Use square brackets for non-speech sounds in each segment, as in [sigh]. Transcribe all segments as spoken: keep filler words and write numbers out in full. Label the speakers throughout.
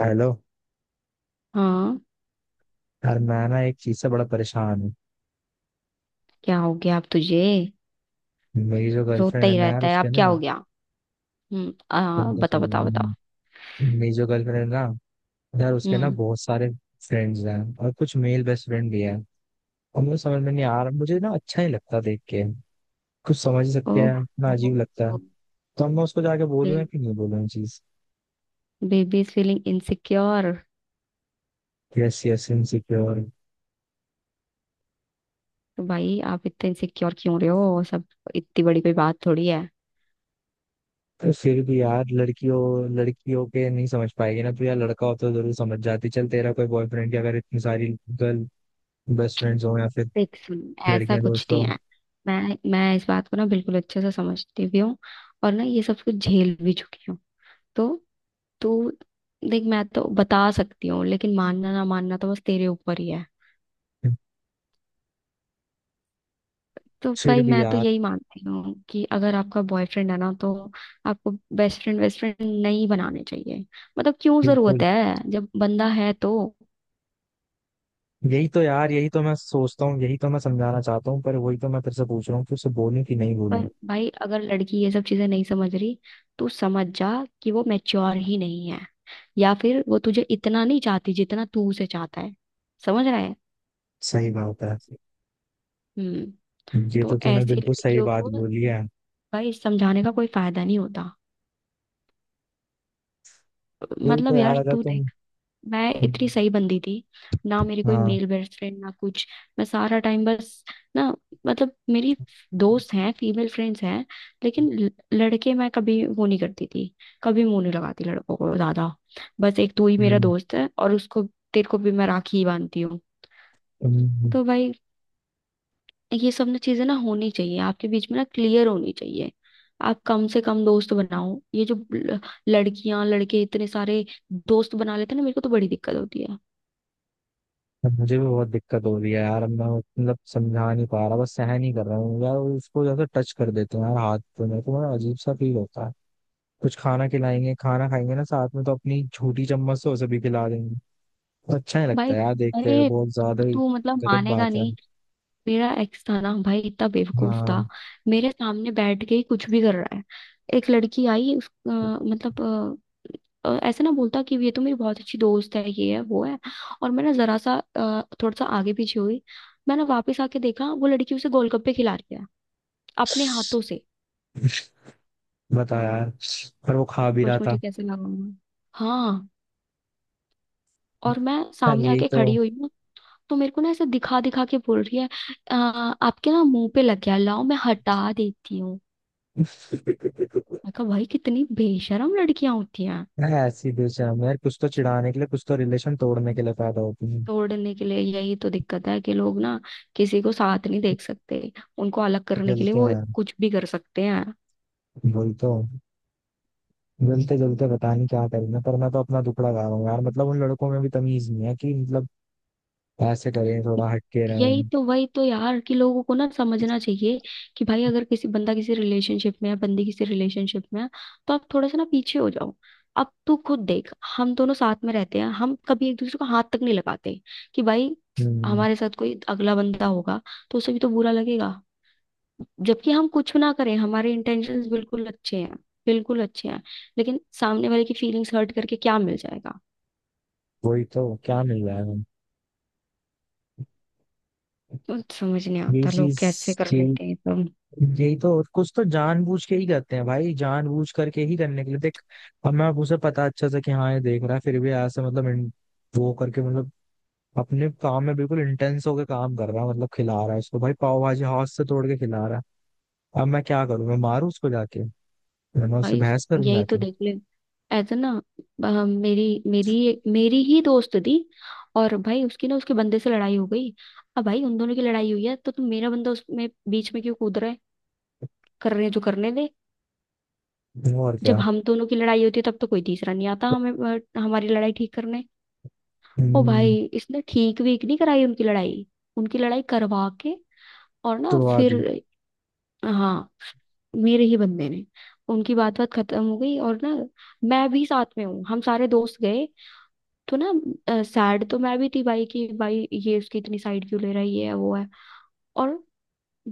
Speaker 1: Hello.
Speaker 2: हाँ।
Speaker 1: यार मैं ना एक चीज से बड़ा परेशान हूँ।
Speaker 2: क्या हो गया आप तुझे?
Speaker 1: मेरी जो
Speaker 2: रोता
Speaker 1: गर्लफ्रेंड है
Speaker 2: ही
Speaker 1: ना यार,
Speaker 2: रहता है
Speaker 1: उसके
Speaker 2: आप, क्या
Speaker 1: ना।
Speaker 2: हो गया? हम्म, आ,
Speaker 1: तुम तो
Speaker 2: बताओ
Speaker 1: सही
Speaker 2: बताओ
Speaker 1: यार।
Speaker 2: बताओ।
Speaker 1: मेरी जो गर्लफ्रेंड है ना यार, उसके ना
Speaker 2: हम्म।
Speaker 1: बहुत सारे फ्रेंड्स हैं, और कुछ मेल बेस्ट फ्रेंड भी हैं। और मुझे समझ में नहीं आ रहा, मुझे ना अच्छा नहीं लगता देख के। कुछ समझ ही सकते
Speaker 2: ओह।
Speaker 1: हैं ना, अजीब लगता है। तो अब मैं उसको जाके बोलूँ या कि नहीं बोलूँ चीज।
Speaker 2: Baby is feeling insecure.
Speaker 1: Yes yes insecure.
Speaker 2: तो भाई आप इतने इनसिक्योर क्यों रहे हो? सब, इतनी बड़ी कोई बात थोड़ी है।
Speaker 1: तो फिर भी यार, लड़कियों लड़कियों के नहीं समझ पाएगी ना, तो यार लड़का हो तो जरूर समझ जाती। चल तेरा कोई बॉयफ्रेंड या अगर इतनी सारी गर्ल बेस्ट फ्रेंड्स हो या फिर
Speaker 2: देख, सुन, ऐसा
Speaker 1: लड़के
Speaker 2: कुछ नहीं
Speaker 1: दोस्तों।
Speaker 2: है। मैं मैं इस बात को ना बिल्कुल अच्छे से समझती भी हूँ और ना ये सब कुछ झेल भी चुकी हूँ। तो तू देख, मैं तो बता सकती हूँ लेकिन मानना ना मानना तो बस तेरे ऊपर ही है। तो
Speaker 1: फिर
Speaker 2: भाई
Speaker 1: भी
Speaker 2: मैं तो
Speaker 1: यार।
Speaker 2: यही मानती हूँ कि अगर आपका बॉयफ्रेंड है ना तो आपको बेस्ट फ्रेंड बेस्ट फ्रेंड नहीं बनाने चाहिए। मतलब क्यों जरूरत
Speaker 1: बिल्कुल।
Speaker 2: है जब बंदा है तो।
Speaker 1: यही तो यार, यही तो मैं सोचता हूँ, यही तो मैं समझाना चाहता हूँ, पर वही तो मैं तेरे से पूछ रहा हूँ कि उसे बोलूं कि नहीं बोलूं।
Speaker 2: पर भाई अगर लड़की ये सब चीजें नहीं समझ रही तो समझ जा कि वो मैच्योर ही नहीं है, या फिर वो तुझे इतना नहीं चाहती जितना तू उसे चाहता है। समझ रहा है?
Speaker 1: सही बात है।
Speaker 2: हम्म।
Speaker 1: ये
Speaker 2: तो
Speaker 1: तो तूने
Speaker 2: ऐसी
Speaker 1: बिल्कुल सही
Speaker 2: लड़कियों
Speaker 1: बात
Speaker 2: को
Speaker 1: बोली है।
Speaker 2: भाई समझाने का कोई फायदा नहीं होता।
Speaker 1: वही
Speaker 2: मतलब
Speaker 1: तो यार
Speaker 2: यार
Speaker 1: अगर
Speaker 2: तू
Speaker 1: तुम।
Speaker 2: देख, मैं इतनी सही बंदी थी, ना मेरी कोई
Speaker 1: हाँ।
Speaker 2: मेल बेस्ट फ्रेंड ना कुछ। मैं सारा टाइम बस, ना, मतलब मेरी दोस्त हैं, फीमेल फ्रेंड्स हैं, लेकिन ल- लड़के मैं कभी वो नहीं करती थी। कभी मुंह नहीं लगाती लड़कों को ज्यादा। बस एक तू ही मेरा
Speaker 1: हम्म।
Speaker 2: दोस्त है, और उसको तेरे को भी मैं राखी ही बांधती हूँ।
Speaker 1: हम्म।
Speaker 2: तो भाई ये सब ना चीजें ना होनी चाहिए, आपके बीच में ना क्लियर होनी चाहिए। आप कम से कम दोस्त बनाओ, ये जो ल- लड़कियां लड़के इतने सारे दोस्त बना लेते हैं ना, मेरे को तो बड़ी दिक्कत होती है।
Speaker 1: अब मुझे भी बहुत दिक्कत हो रही है यार। अब मैं मतलब समझा नहीं पा रहा, बस सहन ही कर रहा हूँ यार। उसको जैसे टच कर देते हैं यार हाथ पे, मेरे को बड़ा अजीब सा फील होता है। कुछ खाना खिलाएंगे, खाना खाएंगे ना साथ में, तो अपनी छोटी चम्मच से उसे भी खिला देंगे। अच्छा ही लगता
Speaker 2: भाई,
Speaker 1: है यार देखते हुए
Speaker 2: अरे,
Speaker 1: बहुत ज्यादा ही।
Speaker 2: तू मतलब
Speaker 1: गलत
Speaker 2: मानेगा
Speaker 1: बात है।
Speaker 2: नहीं। मेरा एक्स था ना भाई, इतना बेवकूफ था।
Speaker 1: हाँ।
Speaker 2: मेरे सामने बैठ के ही कुछ भी कर रहा है। एक लड़की आई उस अ, मतलब, अ, अ, ऐसा ना बोलता कि ये तो मेरी बहुत अच्छी दोस्त है, ये है वो है। और मैं ना जरा सा अ, थोड़ा सा आगे पीछे हुई। मैंने वापस आके देखा वो लड़की उसे गोलगप्पे खिला रही है अपने हाथों से।
Speaker 1: बता यार। पर वो खा भी
Speaker 2: सोच
Speaker 1: रहा था।
Speaker 2: मुझे कैसे लगा होगा। हाँ। और मैं
Speaker 1: यार
Speaker 2: सामने
Speaker 1: यही
Speaker 2: आके
Speaker 1: तो
Speaker 2: खड़ी हुई, तो मेरे को ना ऐसे दिखा दिखा के बोल रही है, "अ, आपके ना मुंह पे लग गया, लाओ मैं हटा देती हूँ।" मैं कहा भाई, कितनी बेशरम लड़कियां होती हैं।
Speaker 1: है ऐसी बेशरम यार। कुछ तो चिढ़ाने के लिए, कुछ तो रिलेशन तोड़ने के लिए पैदा होती है।
Speaker 2: तोड़ने के लिए, यही तो दिक्कत है कि लोग ना किसी को साथ नहीं देख सकते, उनको अलग करने के लिए
Speaker 1: जलते हैं
Speaker 2: वो
Speaker 1: यार।
Speaker 2: कुछ भी कर सकते हैं।
Speaker 1: वही तो। जलते जलते पता नहीं क्या करेंगे, पर मैं तो अपना दुखड़ा गा रहा हूँ यार। मतलब उन लड़कों में भी तमीज नहीं है कि मतलब ऐसे करें, थोड़ा हटके
Speaker 2: यही
Speaker 1: रहें।
Speaker 2: तो, वही तो यार, कि लोगों को ना समझना चाहिए कि भाई अगर किसी बंदा किसी रिलेशनशिप में है, बंदी किसी रिलेशनशिप में है, तो आप थोड़ा सा ना पीछे हो जाओ। अब तू खुद देख, हम दोनों साथ में रहते हैं, हम कभी एक दूसरे को हाथ तक नहीं लगाते, कि भाई
Speaker 1: हम्म।
Speaker 2: हमारे साथ कोई अगला बंदा होगा तो उसे भी तो बुरा लगेगा। जबकि हम कुछ ना करें, हमारे इंटेंशंस बिल्कुल अच्छे हैं, बिल्कुल अच्छे हैं। लेकिन सामने वाले की फीलिंग्स हर्ट करके क्या मिल जाएगा?
Speaker 1: वही तो, क्या मिल रहा है।
Speaker 2: तो समझ नहीं
Speaker 1: यही
Speaker 2: आता लोग
Speaker 1: चीज
Speaker 2: कैसे कर
Speaker 1: यही
Speaker 2: लेते हैं ये सब।
Speaker 1: यही तो, कुछ तो जानबूझ के ही करते हैं भाई, जानबूझ करके ही करने के लिए देख। हमें अब मैं उसे पता अच्छा सा कि हाँ ये देख रहा है, फिर भी यहाँ से मतलब इन- वो करके मतलब अपने काम में बिल्कुल इंटेंस होकर काम कर रहा है, मतलब खिला रहा है उसको भाई पाव भाजी हाथ से तोड़ के खिला रहा है। अब मैं क्या करूं, मैं मारू उसको जाके, मैं मैं उससे
Speaker 2: भाई
Speaker 1: बहस करूं
Speaker 2: यही तो
Speaker 1: जाके।
Speaker 2: देख ले, ऐसा ना, अ, मेरी मेरी मेरी ही दोस्त थी, और भाई उसकी ना उसके बंदे से लड़ाई हो गई। अब भाई उन दोनों की लड़ाई हुई है तो तुम, मेरा बंदा उसमें बीच में क्यों कूद रहा है? कर रहे हैं, जो करने दे।
Speaker 1: और
Speaker 2: जब
Speaker 1: क्या।
Speaker 2: हम दोनों की लड़ाई होती है तब तो कोई तीसरा नहीं आता हमें अ, हमारी लड़ाई ठीक करने। ओ भाई,
Speaker 1: हम्म।
Speaker 2: इसने ठीक वीक नहीं कराई उनकी लड़ाई, उनकी लड़ाई करवा के, और ना
Speaker 1: तो आज।
Speaker 2: फिर, हाँ, मेरे ही बंदे ने, उनकी बात बात खत्म हो गई और ना, मैं भी साथ में हूँ, हम सारे दोस्त गए, तो ना सैड तो मैं भी थी भाई, कि भाई ये उसकी इतनी साइड क्यों ले रहा है, ये है वो है। और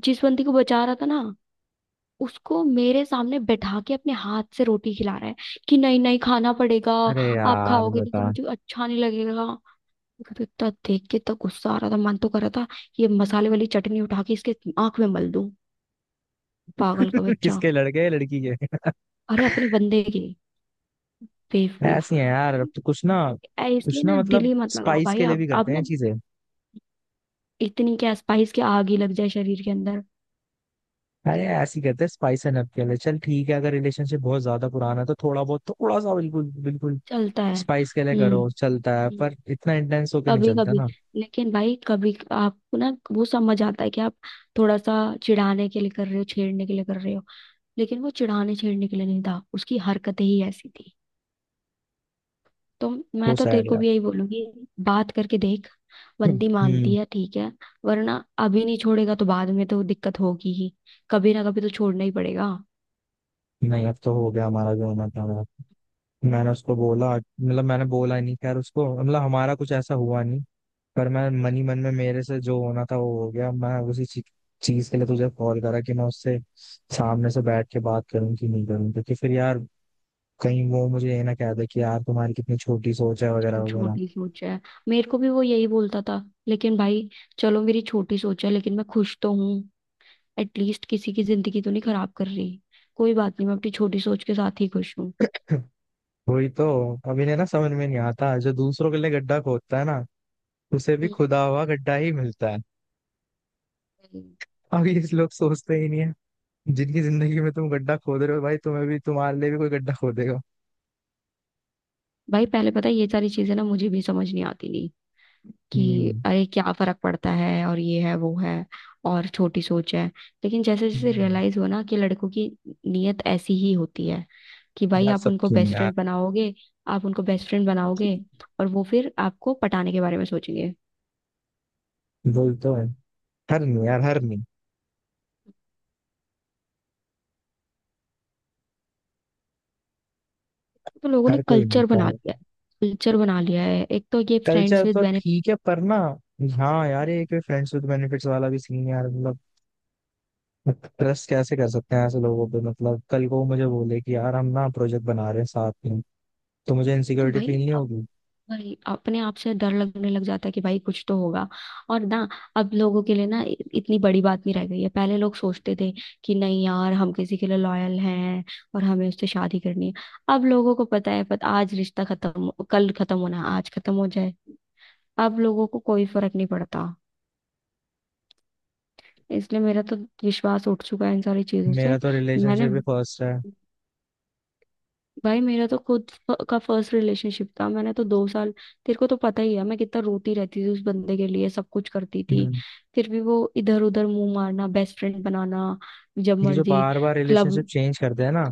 Speaker 2: जिस बंदी को बचा रहा था ना, उसको मेरे सामने बैठा के अपने हाथ से रोटी खिला रहा है कि नहीं नहीं, खाना पड़ेगा,
Speaker 1: अरे
Speaker 2: आप
Speaker 1: यार
Speaker 2: खाओगे नहीं तो
Speaker 1: बता।
Speaker 2: मुझे अच्छा नहीं लगेगा। मेरे को तो इतना देख के इतना गुस्सा आ रहा था, मन तो कर रहा था ये मसाले वाली चटनी उठा के इसके आंख में मल दूं, पागल का
Speaker 1: [laughs]
Speaker 2: बच्चा।
Speaker 1: किसके लड़के हैं, लड़की के।
Speaker 2: अरे अपने बंदे के, बेवकूफ।
Speaker 1: ऐसी है यार, अब तो कुछ ना।
Speaker 2: ऐ- इसलिए
Speaker 1: कुछ ना
Speaker 2: ना दिल
Speaker 1: मतलब
Speaker 2: ही मत लगाओ
Speaker 1: स्पाइस
Speaker 2: भाई,
Speaker 1: के लिए
Speaker 2: आप
Speaker 1: भी
Speaker 2: आप
Speaker 1: करते
Speaker 2: ना,
Speaker 1: हैं चीजें।
Speaker 2: इतनी क्या स्पाइस के आग ही लग जाए शरीर के अंदर।
Speaker 1: अरे ऐसे ही करते हैं स्पाइस एंड हब के लिए। चल ठीक है, अगर रिलेशनशिप बहुत ज्यादा पुराना है तो थोड़ा बहुत, थोड़ा सा, बिल्कुल बिल्कुल
Speaker 2: चलता है।
Speaker 1: स्पाइस के लिए
Speaker 2: हम्म,
Speaker 1: करो चलता है, पर
Speaker 2: हम्म,
Speaker 1: इतना इंटेंस होके नहीं
Speaker 2: कभी
Speaker 1: चलता
Speaker 2: कभी।
Speaker 1: ना।
Speaker 2: लेकिन भाई कभी आपको ना वो समझ आता है कि आप थोड़ा सा चिढ़ाने के लिए कर रहे हो, छेड़ने के लिए कर रहे हो, लेकिन वो चिढ़ाने छेड़ने के लिए नहीं था, उसकी हरकतें ही ऐसी थी। तो मैं
Speaker 1: वो
Speaker 2: तो तेरे
Speaker 1: सैड
Speaker 2: को
Speaker 1: यार।
Speaker 2: भी यही बोलूंगी, बात करके देख। बंदी मानती
Speaker 1: हम्म।
Speaker 2: है, ठीक है, वरना अभी नहीं छोड़ेगा तो बाद में तो दिक्कत होगी ही। कभी ना कभी तो छोड़ना ही पड़ेगा।
Speaker 1: नहीं अब तो हो गया हमारा जो होना था यार। मैंने उसको बोला, मतलब मैंने बोला नहीं खैर उसको, मतलब हमारा कुछ ऐसा हुआ नहीं। पर मैं मन ही मन में, मेरे से जो होना था वो हो गया। मैं उसी चीज चीज के लिए तुझे कॉल करा कि मैं उससे सामने से बैठ के बात करूं कि नहीं करूं, क्योंकि फिर यार कहीं वो मुझे ये ना कह दे कि यार तुम्हारी कितनी छोटी सोच है वगैरह
Speaker 2: एकदम
Speaker 1: वगैरह।
Speaker 2: छोटी सोच है, मेरे को भी वो यही बोलता था, लेकिन भाई, चलो मेरी छोटी सोच है लेकिन मैं खुश तो हूँ। एटलीस्ट किसी की जिंदगी तो नहीं खराब कर रही। कोई बात नहीं, मैं अपनी छोटी सोच के साथ ही खुश हूँ।
Speaker 1: [laughs] वही तो। अब इन्हें ना समझ में नहीं आता, जो दूसरों के लिए गड्ढा खोदता है ना, उसे भी खुदा हुआ गड्ढा ही मिलता है।
Speaker 2: हम्म।
Speaker 1: अब ये लोग सोचते ही नहीं है। जिनकी जिंदगी में तुम गड्ढा खोद रहे हो भाई, तुम्हें भी, तुम्हारे लिए भी कोई गड्ढा खोदेगा।
Speaker 2: भाई पहले, पता है, ये सारी चीजें ना मुझे भी समझ नहीं आती थी कि
Speaker 1: हम्म।
Speaker 2: अरे क्या फर्क पड़ता है, और ये है वो है, और छोटी सोच है। लेकिन जैसे जैसे
Speaker 1: हम्म।
Speaker 2: रियलाइज हुआ ना कि लड़कों की नीयत ऐसी ही होती है, कि भाई
Speaker 1: यार
Speaker 2: आप
Speaker 1: सब
Speaker 2: उनको
Speaker 1: क्यों नहीं
Speaker 2: बेस्ट
Speaker 1: यार।
Speaker 2: फ्रेंड बनाओगे, आप उनको बेस्ट फ्रेंड बनाओगे और वो फिर आपको पटाने के बारे में सोचेंगे।
Speaker 1: वही तो है। हर नहीं यार, हर नहीं।
Speaker 2: तो लोगों ने
Speaker 1: हर कोई नहीं
Speaker 2: कल्चर
Speaker 1: होता
Speaker 2: बना
Speaker 1: है।
Speaker 2: लिया है, कल्चर बना लिया है, एक तो ये
Speaker 1: कल्चर
Speaker 2: फ्रेंड्स विद
Speaker 1: तो
Speaker 2: बेनिफिट।
Speaker 1: ठीक है पर ना। हाँ यार, ये एक फ्रेंड्स विद बेनिफिट्स वाला भी सीन यार, मतलब ट्रस्ट कैसे कर सकते हैं ऐसे लोगों पे। मतलब कल को वो मुझे बोले कि यार हम ना प्रोजेक्ट बना रहे हैं साथ में, तो मुझे
Speaker 2: तो
Speaker 1: इनसिक्योरिटी फील
Speaker 2: भाई
Speaker 1: नहीं होगी।
Speaker 2: वही अपने आप से डर लगने लग जाता है कि भाई कुछ तो होगा। और ना, अब लोगों के लिए ना इ- इतनी बड़ी बात नहीं रह गई है। पहले लोग सोचते थे कि नहीं यार, हम किसी के लिए लॉयल हैं और हमें उससे शादी करनी है। अब लोगों को पता है, पता, आज रिश्ता खत्म हो- कल खत्म होना है, आज खत्म हो जाए। अब लोगों को कोई फर्क नहीं पड़ता। इसलिए मेरा तो विश्वास उठ चुका है इन सारी चीजों से।
Speaker 1: मेरा तो
Speaker 2: मैंने
Speaker 1: रिलेशनशिप भी फर्स्ट है।
Speaker 2: भाई मेरा तो खुद फ- का फर्स्ट रिलेशनशिप था, मैंने तो दो साल, तेरे को तो पता ही है मैं कितना रोती रहती थी उस बंदे के लिए, सब कुछ करती थी।
Speaker 1: हम्म।
Speaker 2: फिर भी वो इधर उधर मुंह मारना, बेस्ट फ्रेंड बनाना, जब
Speaker 1: ये जो
Speaker 2: मर्जी
Speaker 1: बार बार
Speaker 2: क्लब।
Speaker 1: रिलेशनशिप चेंज करते हैं ना,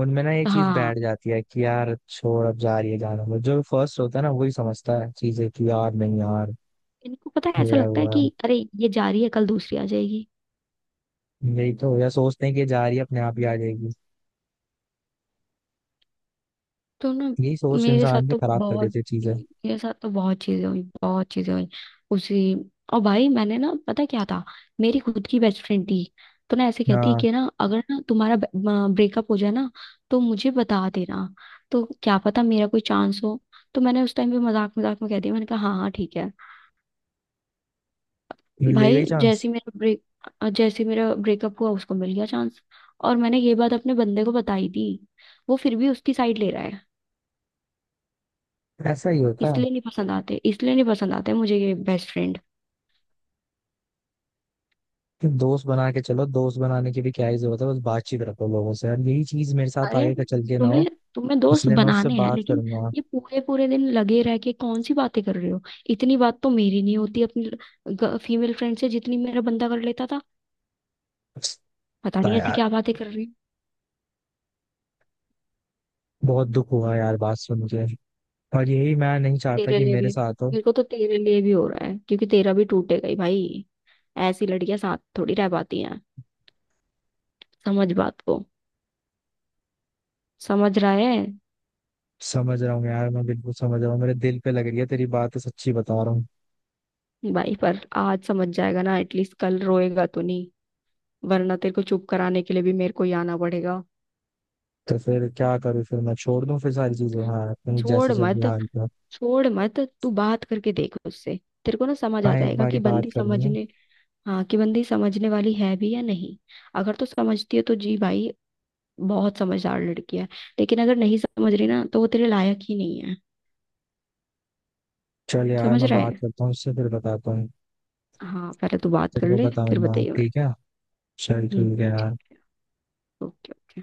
Speaker 1: उनमें ना ये चीज
Speaker 2: हाँ,
Speaker 1: बैठ जाती है कि यार छोड़ अब जा रही है जाना। वो जो फर्स्ट होता है ना, वही समझता है चीजें कि यार नहीं यार।
Speaker 2: इनको पता है, ऐसा
Speaker 1: ये
Speaker 2: लगता है
Speaker 1: हुआ
Speaker 2: कि
Speaker 1: है।
Speaker 2: अरे ये जा रही है, कल दूसरी आ जाएगी।
Speaker 1: यही तो, या सोचते हैं कि ये जा रही है अपने आप ही आ जाएगी।
Speaker 2: तो ना,
Speaker 1: यही सोच
Speaker 2: मेरे साथ
Speaker 1: इंसान की
Speaker 2: तो
Speaker 1: खराब कर
Speaker 2: बहुत
Speaker 1: देती है चीजें।
Speaker 2: मेरे साथ तो बहुत चीजें हुई, बहुत चीजें हुई उसी। और भाई मैंने ना, पता क्या था, मेरी खुद की बेस्ट फ्रेंड थी, तो ना ऐसे कहती
Speaker 1: हाँ,
Speaker 2: कि ना अगर ना तुम्हारा ब्रेकअप हो जाए ना तो मुझे बता देना, तो क्या पता मेरा कोई चांस हो। तो मैंने उस टाइम पे मजाक मजाक में कह दिया, मैंने कहा हाँ हाँ ठीक है।
Speaker 1: ये ले गई
Speaker 2: भाई
Speaker 1: चांस।
Speaker 2: जैसे ही मेरा ब्रेक जैसे ही मेरा ब्रेकअप हुआ, उसको मिल गया चांस। और मैंने ये बात अपने बंदे को बताई थी, वो फिर भी उसकी साइड ले रहा है।
Speaker 1: ऐसा ही होता है।
Speaker 2: इसलिए नहीं पसंद आते, इसलिए नहीं पसंद आते मुझे ये बेस्ट फ्रेंड।
Speaker 1: कि दोस्त बना के चलो, दोस्त बनाने की भी क्या ही जरूरत है, बस बातचीत रखो लोगों से यार। यही चीज मेरे साथ
Speaker 2: अरे,
Speaker 1: आगे का चल के ना हो,
Speaker 2: तुम्हें तुम्हें दोस्त
Speaker 1: इसलिए मैं उससे
Speaker 2: बनाने हैं,
Speaker 1: बात
Speaker 2: लेकिन
Speaker 1: करूंगा।
Speaker 2: ये पूरे पूरे दिन लगे रह के कौन सी बातें कर रहे हो? इतनी बात तो मेरी नहीं होती अपनी फीमेल फ्रेंड से जितनी मेरा बंदा कर लेता था। पता
Speaker 1: पछता।
Speaker 2: नहीं ऐसी
Speaker 1: यार
Speaker 2: क्या बातें कर रही हो।
Speaker 1: बहुत दुख हुआ यार बात सुन के, और यही मैं नहीं चाहता
Speaker 2: तेरे
Speaker 1: कि
Speaker 2: लिए
Speaker 1: मेरे
Speaker 2: भी,
Speaker 1: साथ हो।
Speaker 2: मेरे को तो तेरे लिए भी हो रहा है, क्योंकि तेरा भी टूटेगा ही भाई। ऐसी लड़कियां साथ थोड़ी रह पाती हैं। समझ बात को। समझ रहा है?
Speaker 1: समझ रहा हूँ यार, मैं बिल्कुल समझ रहा हूँ, मेरे दिल पे लग रही है तेरी बात, सच्ची बता रहा हूँ।
Speaker 2: भाई पर आज समझ जाएगा ना, एटलीस्ट कल रोएगा तो नहीं, वरना तेरे को चुप कराने के लिए भी मेरे को ही आना पड़ेगा।
Speaker 1: तो फिर क्या करूँ, फिर मैं छोड़ दूँ फिर सारी चीजें, हाँ अपनी जैसे
Speaker 2: छोड़
Speaker 1: चल रही
Speaker 2: मत,
Speaker 1: हाल पर।
Speaker 2: छोड़ मत, तू बात करके देख उससे। तेरे को ना समझ आ
Speaker 1: हाँ, एक
Speaker 2: जाएगा
Speaker 1: बार ही
Speaker 2: कि
Speaker 1: बात
Speaker 2: बंदी
Speaker 1: करनी है।
Speaker 2: समझने, हाँ, कि बंदी समझने वाली है भी या नहीं। अगर तो समझती है तो जी भाई, बहुत समझदार लड़की है, लेकिन अगर नहीं समझ रही ना तो वो तेरे लायक ही नहीं है।
Speaker 1: चल यार
Speaker 2: समझ
Speaker 1: मैं
Speaker 2: रहा
Speaker 1: बात
Speaker 2: है?
Speaker 1: करता हूँ उससे, फिर बताता हूँ।
Speaker 2: हाँ, पहले तू बात
Speaker 1: तेरे
Speaker 2: कर
Speaker 1: को
Speaker 2: ले फिर
Speaker 1: बताऊंगा
Speaker 2: बताइए मेरे।
Speaker 1: ठीक है। चल
Speaker 2: हम्म।
Speaker 1: ठीक है यार।
Speaker 2: Okay, okay.